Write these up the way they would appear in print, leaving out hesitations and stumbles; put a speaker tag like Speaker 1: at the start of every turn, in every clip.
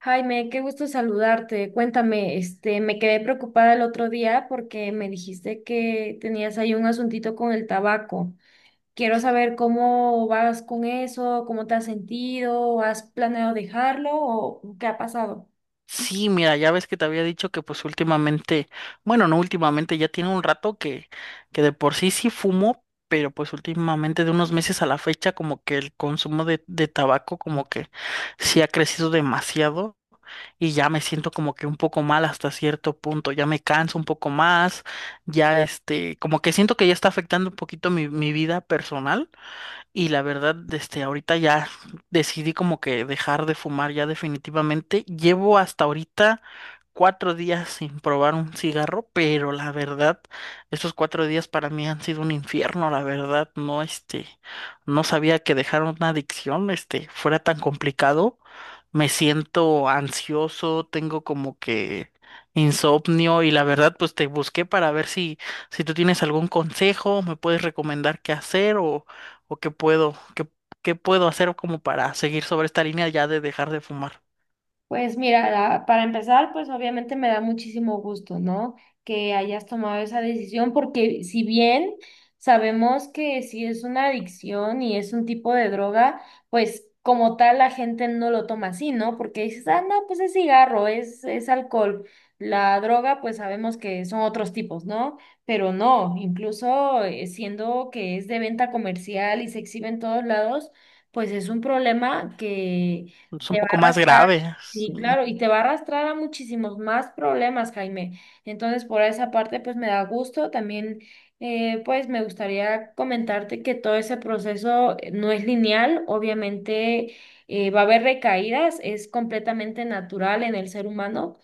Speaker 1: Jaime, qué gusto saludarte. Cuéntame, me quedé preocupada el otro día porque me dijiste que tenías ahí un asuntito con el tabaco. Quiero saber cómo vas con eso, cómo te has sentido, ¿has planeado dejarlo o qué ha pasado?
Speaker 2: Sí, mira, ya ves que te había dicho que pues últimamente, bueno, no últimamente, ya tiene un rato que de por sí sí fumo, pero pues últimamente de unos meses a la fecha como que el consumo de tabaco como que sí ha crecido demasiado y ya me siento como que un poco mal hasta cierto punto, ya me canso un poco más, ya como que siento que ya está afectando un poquito mi vida personal. Y la verdad, ahorita ya decidí como que dejar de fumar ya definitivamente. Llevo hasta ahorita 4 días sin probar un cigarro, pero la verdad, estos 4 días para mí han sido un infierno, la verdad, no, no sabía que dejar una adicción, fuera tan complicado. Me siento ansioso, tengo como que insomnio y la verdad, pues te busqué para ver si tú tienes algún consejo, me puedes recomendar qué hacer o qué puedo hacer como para seguir sobre esta línea ya de dejar de fumar.
Speaker 1: Pues mira, para empezar, pues obviamente me da muchísimo gusto, ¿no? Que hayas tomado esa decisión, porque si bien sabemos que si es una adicción y es un tipo de droga, pues como tal la gente no lo toma así, ¿no? Porque dices, ah, no, pues es cigarro, es alcohol. La droga, pues sabemos que son otros tipos, ¿no? Pero no, incluso siendo que es de venta comercial y se exhibe en todos lados, pues es un problema
Speaker 2: Es un
Speaker 1: Te va a
Speaker 2: poco más
Speaker 1: arrastrar.
Speaker 2: grave, sí.
Speaker 1: Sí, claro, y te va a arrastrar a muchísimos más problemas, Jaime. Entonces, por esa parte, pues me da gusto. También, pues me gustaría comentarte que todo ese proceso no es lineal. Obviamente, va a haber recaídas, es completamente natural en el ser humano,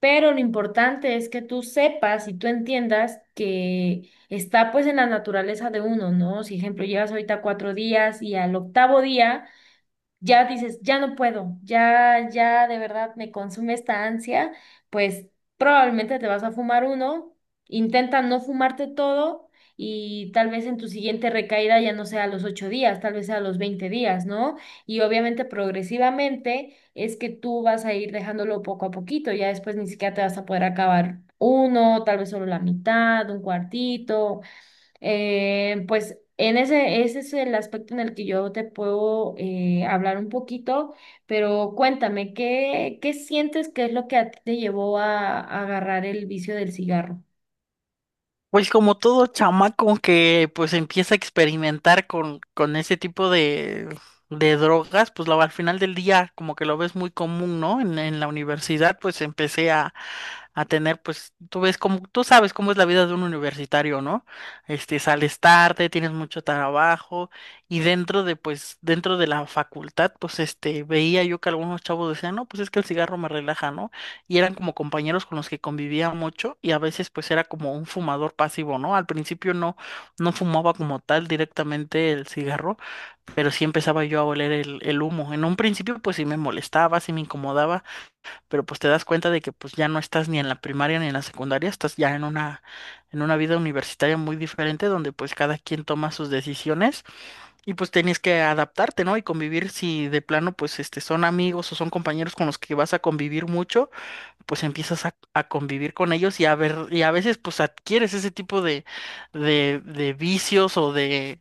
Speaker 1: pero lo importante es que tú sepas y tú entiendas que está pues en la naturaleza de uno, ¿no? Si, ejemplo, llevas ahorita 4 días y al octavo día ya dices, ya no puedo, ya, ya de verdad me consume esta ansia, pues probablemente te vas a fumar uno, intenta no fumarte todo y tal vez en tu siguiente recaída ya no sea a los 8 días, tal vez sea a los 20 días, ¿no? Y obviamente progresivamente es que tú vas a ir dejándolo poco a poquito, ya después ni siquiera te vas a poder acabar uno, tal vez solo la mitad, un cuartito, pues en ese, ese es el aspecto en el que yo te puedo hablar un poquito, pero cuéntame, ¿qué, qué sientes que es lo que a ti te llevó a agarrar el vicio del cigarro?
Speaker 2: Pues como todo chamaco que pues empieza a experimentar con ese tipo de drogas, pues al final del día como que lo ves muy común, ¿no? En la universidad pues empecé a tener pues tú ves como tú sabes cómo es la vida de un universitario, ¿no? Sales tarde, tienes mucho trabajo y dentro de la facultad pues veía yo que algunos chavos decían, "No, pues es que el cigarro me relaja, ¿no? y eran como compañeros con los que convivía mucho y a veces pues era como un fumador pasivo, ¿no? Al principio no, no fumaba como tal directamente el cigarro, pero sí empezaba yo a oler el humo. En un principio pues sí me molestaba, sí me incomodaba, pero pues te das cuenta de que pues ya no estás ni en la primaria ni en la secundaria, estás ya en en una vida universitaria muy diferente donde pues cada quien toma sus decisiones y pues tienes que adaptarte, ¿no? Y convivir si de plano pues son amigos o son compañeros con los que vas a convivir mucho pues empiezas a convivir con ellos y a ver, y a veces pues adquieres ese tipo de vicios o de,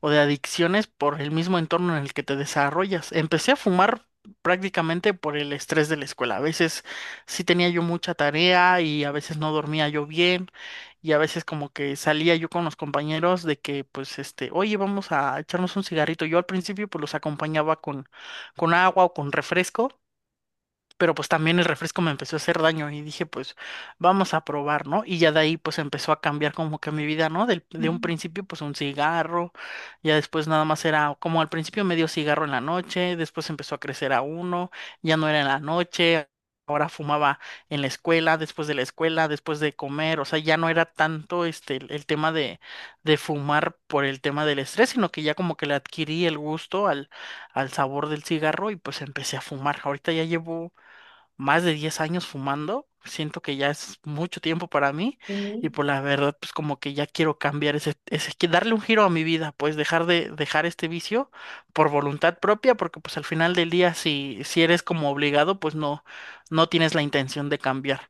Speaker 2: o de adicciones por el mismo entorno en el que te desarrollas. Empecé a fumar prácticamente por el estrés de la escuela. A veces sí tenía yo mucha tarea y a veces no dormía yo bien y a veces como que salía yo con los compañeros de que pues oye, vamos a echarnos un cigarrito. Yo al principio pues los acompañaba con agua o con refresco pero pues también el refresco me empezó a hacer daño y dije, pues vamos a probar, ¿no? Y ya de ahí pues empezó a cambiar como que mi vida, ¿no? De un
Speaker 1: Ujú.
Speaker 2: principio pues un cigarro, ya después nada más era como al principio medio cigarro en la noche, después empezó a crecer a uno, ya no era en la noche. Ahora fumaba en la escuela, después de la escuela, después de comer, o sea, ya no era tanto el tema de fumar por el tema del estrés, sino que ya como que le adquirí el gusto al sabor del cigarro y pues empecé a fumar. Ahorita ya llevo más de 10 años fumando. Siento que ya es mucho tiempo para mí y
Speaker 1: Ok.
Speaker 2: por la verdad, pues como que ya quiero cambiar que darle un giro a mi vida, pues dejar este vicio por voluntad propia, porque pues al final del día si eres como obligado, pues no tienes la intención de cambiar.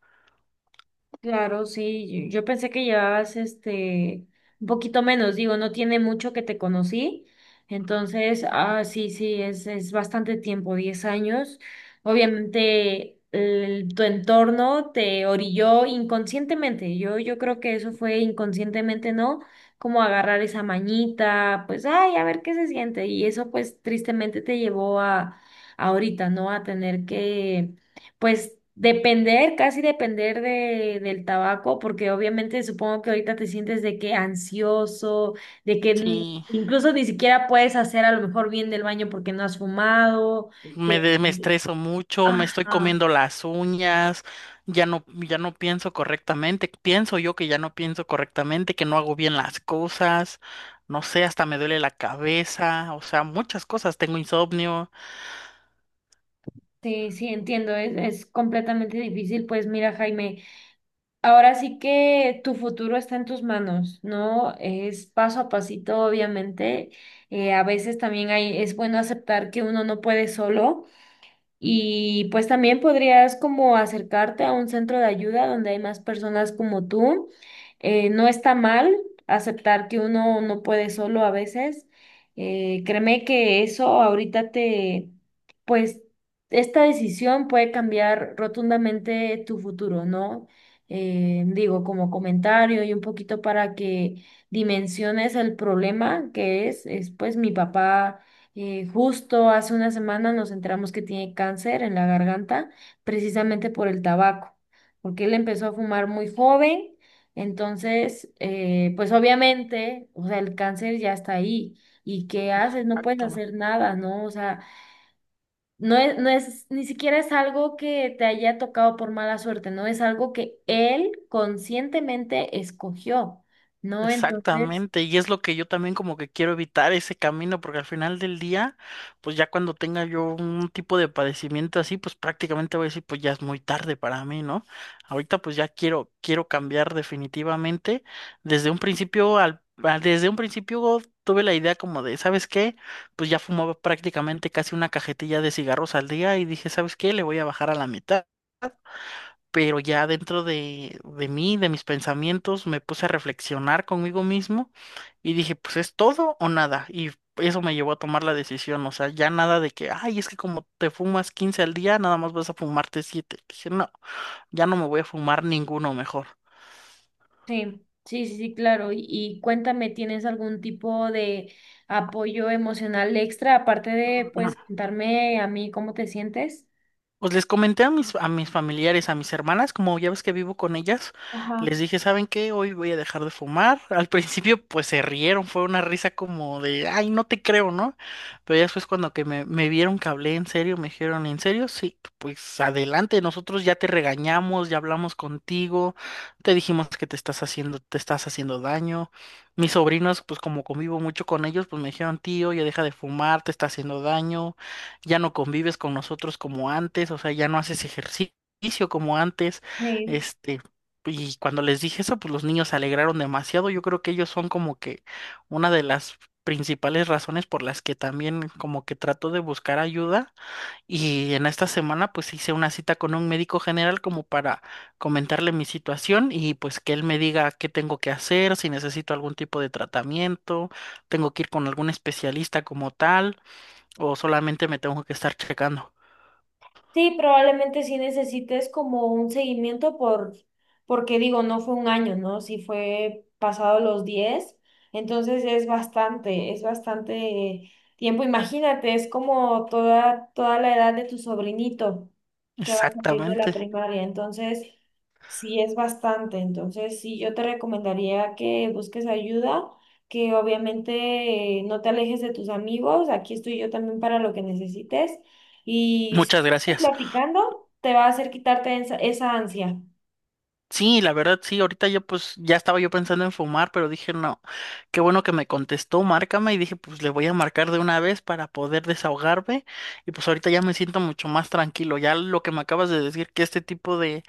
Speaker 1: Claro, sí, yo pensé que llevabas este un poquito menos, digo, no tiene mucho que te conocí, entonces, ah, sí, sí, es bastante tiempo, 10 años. Obviamente, tu entorno te orilló inconscientemente, yo creo que eso fue inconscientemente, ¿no? Como agarrar esa mañita, pues, ay, a ver qué se siente, y eso pues tristemente te llevó a ahorita, ¿no? A tener que pues depender, casi depender del tabaco, porque obviamente supongo que ahorita te sientes de que ansioso, de que
Speaker 2: Sí.
Speaker 1: incluso ni siquiera puedes hacer a lo mejor bien del baño porque no has fumado,
Speaker 2: Me,
Speaker 1: que...
Speaker 2: de- me estreso mucho, me estoy
Speaker 1: Ajá.
Speaker 2: comiendo las uñas, ya no, ya no, pienso correctamente, pienso yo que ya no pienso correctamente, que no hago bien las cosas, no sé, hasta me duele la cabeza, o sea, muchas cosas, tengo insomnio.
Speaker 1: Sí, sí, entiendo, es completamente difícil. Pues mira, Jaime, ahora sí que tu futuro está en tus manos, ¿no? Es paso a pasito, obviamente. A veces también hay, es bueno aceptar que uno no puede solo. Y pues también podrías como acercarte a un centro de ayuda donde hay más personas como tú. No está mal aceptar que uno no puede solo a veces. Créeme que eso ahorita te, pues esta decisión puede cambiar rotundamente tu futuro, ¿no? Digo, como comentario y un poquito para que dimensiones el problema que es pues mi papá justo hace una semana nos enteramos que tiene cáncer en la garganta, precisamente por el tabaco, porque él empezó a fumar muy joven, entonces, pues obviamente, o sea, el cáncer ya está ahí. ¿Y qué haces? No puedes hacer nada, ¿no? O sea, no es, ni siquiera es algo que te haya tocado por mala suerte, no es algo que él conscientemente escogió, ¿no? Entonces...
Speaker 2: Exactamente, y es lo que yo también como que quiero evitar ese camino, porque al final del día, pues ya cuando tenga yo un tipo de padecimiento así, pues prácticamente voy a decir, pues ya es muy tarde para mí, ¿no? Ahorita pues ya quiero cambiar definitivamente. Desde un principio tuve la idea como de, ¿sabes qué? Pues ya fumaba prácticamente casi una cajetilla de cigarros al día y dije, ¿sabes qué? Le voy a bajar a la mitad pero ya dentro de mí, de mis pensamientos, me puse a reflexionar conmigo mismo y dije, pues es todo o nada. Y eso me llevó a tomar la decisión, o sea, ya nada de que, ay, es que como te fumas 15 al día, nada más vas a fumarte siete. Dije, no, ya no me voy a fumar ninguno mejor.
Speaker 1: Sí, sí, sí, sí, claro. Y cuéntame, ¿tienes algún tipo de apoyo emocional extra aparte de, pues, contarme a mí cómo te sientes?
Speaker 2: Pues les comenté a mis familiares, a mis hermanas, como ya ves que vivo con ellas,
Speaker 1: Ajá.
Speaker 2: les dije, ¿saben qué? Hoy voy a dejar de fumar. Al principio pues se rieron, fue una risa como de, ay, no te creo, ¿no? Pero ya después cuando que me vieron que hablé en serio, me dijeron, ¿en serio? Sí, pues adelante, nosotros ya te regañamos, ya hablamos contigo, te dijimos que te estás haciendo daño. Mis sobrinos, pues como convivo mucho con ellos, pues me dijeron, tío, ya deja de fumar, te está haciendo daño ya no convives con nosotros como antes, o sea, ya no haces ejercicio como antes,
Speaker 1: Sí.
Speaker 2: este, y cuando les dije eso, pues los niños se alegraron demasiado, yo creo que ellos son como que una de las principales razones por las que también como que trato de buscar ayuda y en esta semana pues hice una cita con un médico general como para comentarle mi situación y pues que él me diga qué tengo que hacer, si necesito algún tipo de tratamiento, tengo que ir con algún especialista como tal o solamente me tengo que estar checando.
Speaker 1: Sí, probablemente sí necesites como un seguimiento porque digo, no fue un año, ¿no? Sí fue pasado los diez, entonces es bastante tiempo. Imagínate, es como toda, toda la edad de tu sobrinito que va a salir de la
Speaker 2: Exactamente.
Speaker 1: primaria, entonces sí es bastante. Entonces sí, yo te recomendaría que busques ayuda, que obviamente no te alejes de tus amigos, aquí estoy yo también para lo que necesites. Y
Speaker 2: Muchas gracias.
Speaker 1: platicando te va a hacer quitarte esa ansia.
Speaker 2: Sí, la verdad, sí, ahorita yo pues ya estaba yo pensando en fumar, pero dije, no, qué bueno que me contestó, márcame y dije, pues le voy a marcar de una vez para poder desahogarme y pues ahorita ya me siento mucho más tranquilo. Ya lo que me acabas de decir, que este tipo de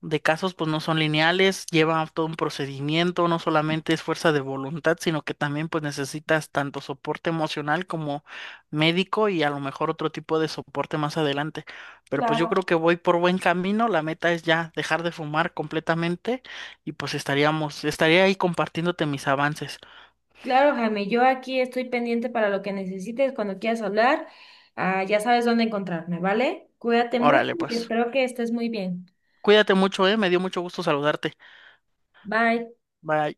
Speaker 2: de casos, pues no son lineales, lleva todo un procedimiento, no solamente es fuerza de voluntad, sino que también pues necesitas tanto soporte emocional como médico y a lo mejor otro tipo de soporte más adelante. Pero pues yo creo
Speaker 1: Claro.
Speaker 2: que voy por buen camino, la meta es ya dejar de fumar completamente y pues estaría ahí compartiéndote mis avances.
Speaker 1: Claro, Jaime, yo aquí estoy pendiente para lo que necesites cuando quieras hablar. Ah, ya sabes dónde encontrarme, ¿vale? Cuídate
Speaker 2: Órale,
Speaker 1: mucho y
Speaker 2: pues.
Speaker 1: espero que estés muy bien.
Speaker 2: Cuídate mucho, me dio mucho gusto saludarte.
Speaker 1: Bye.
Speaker 2: Bye.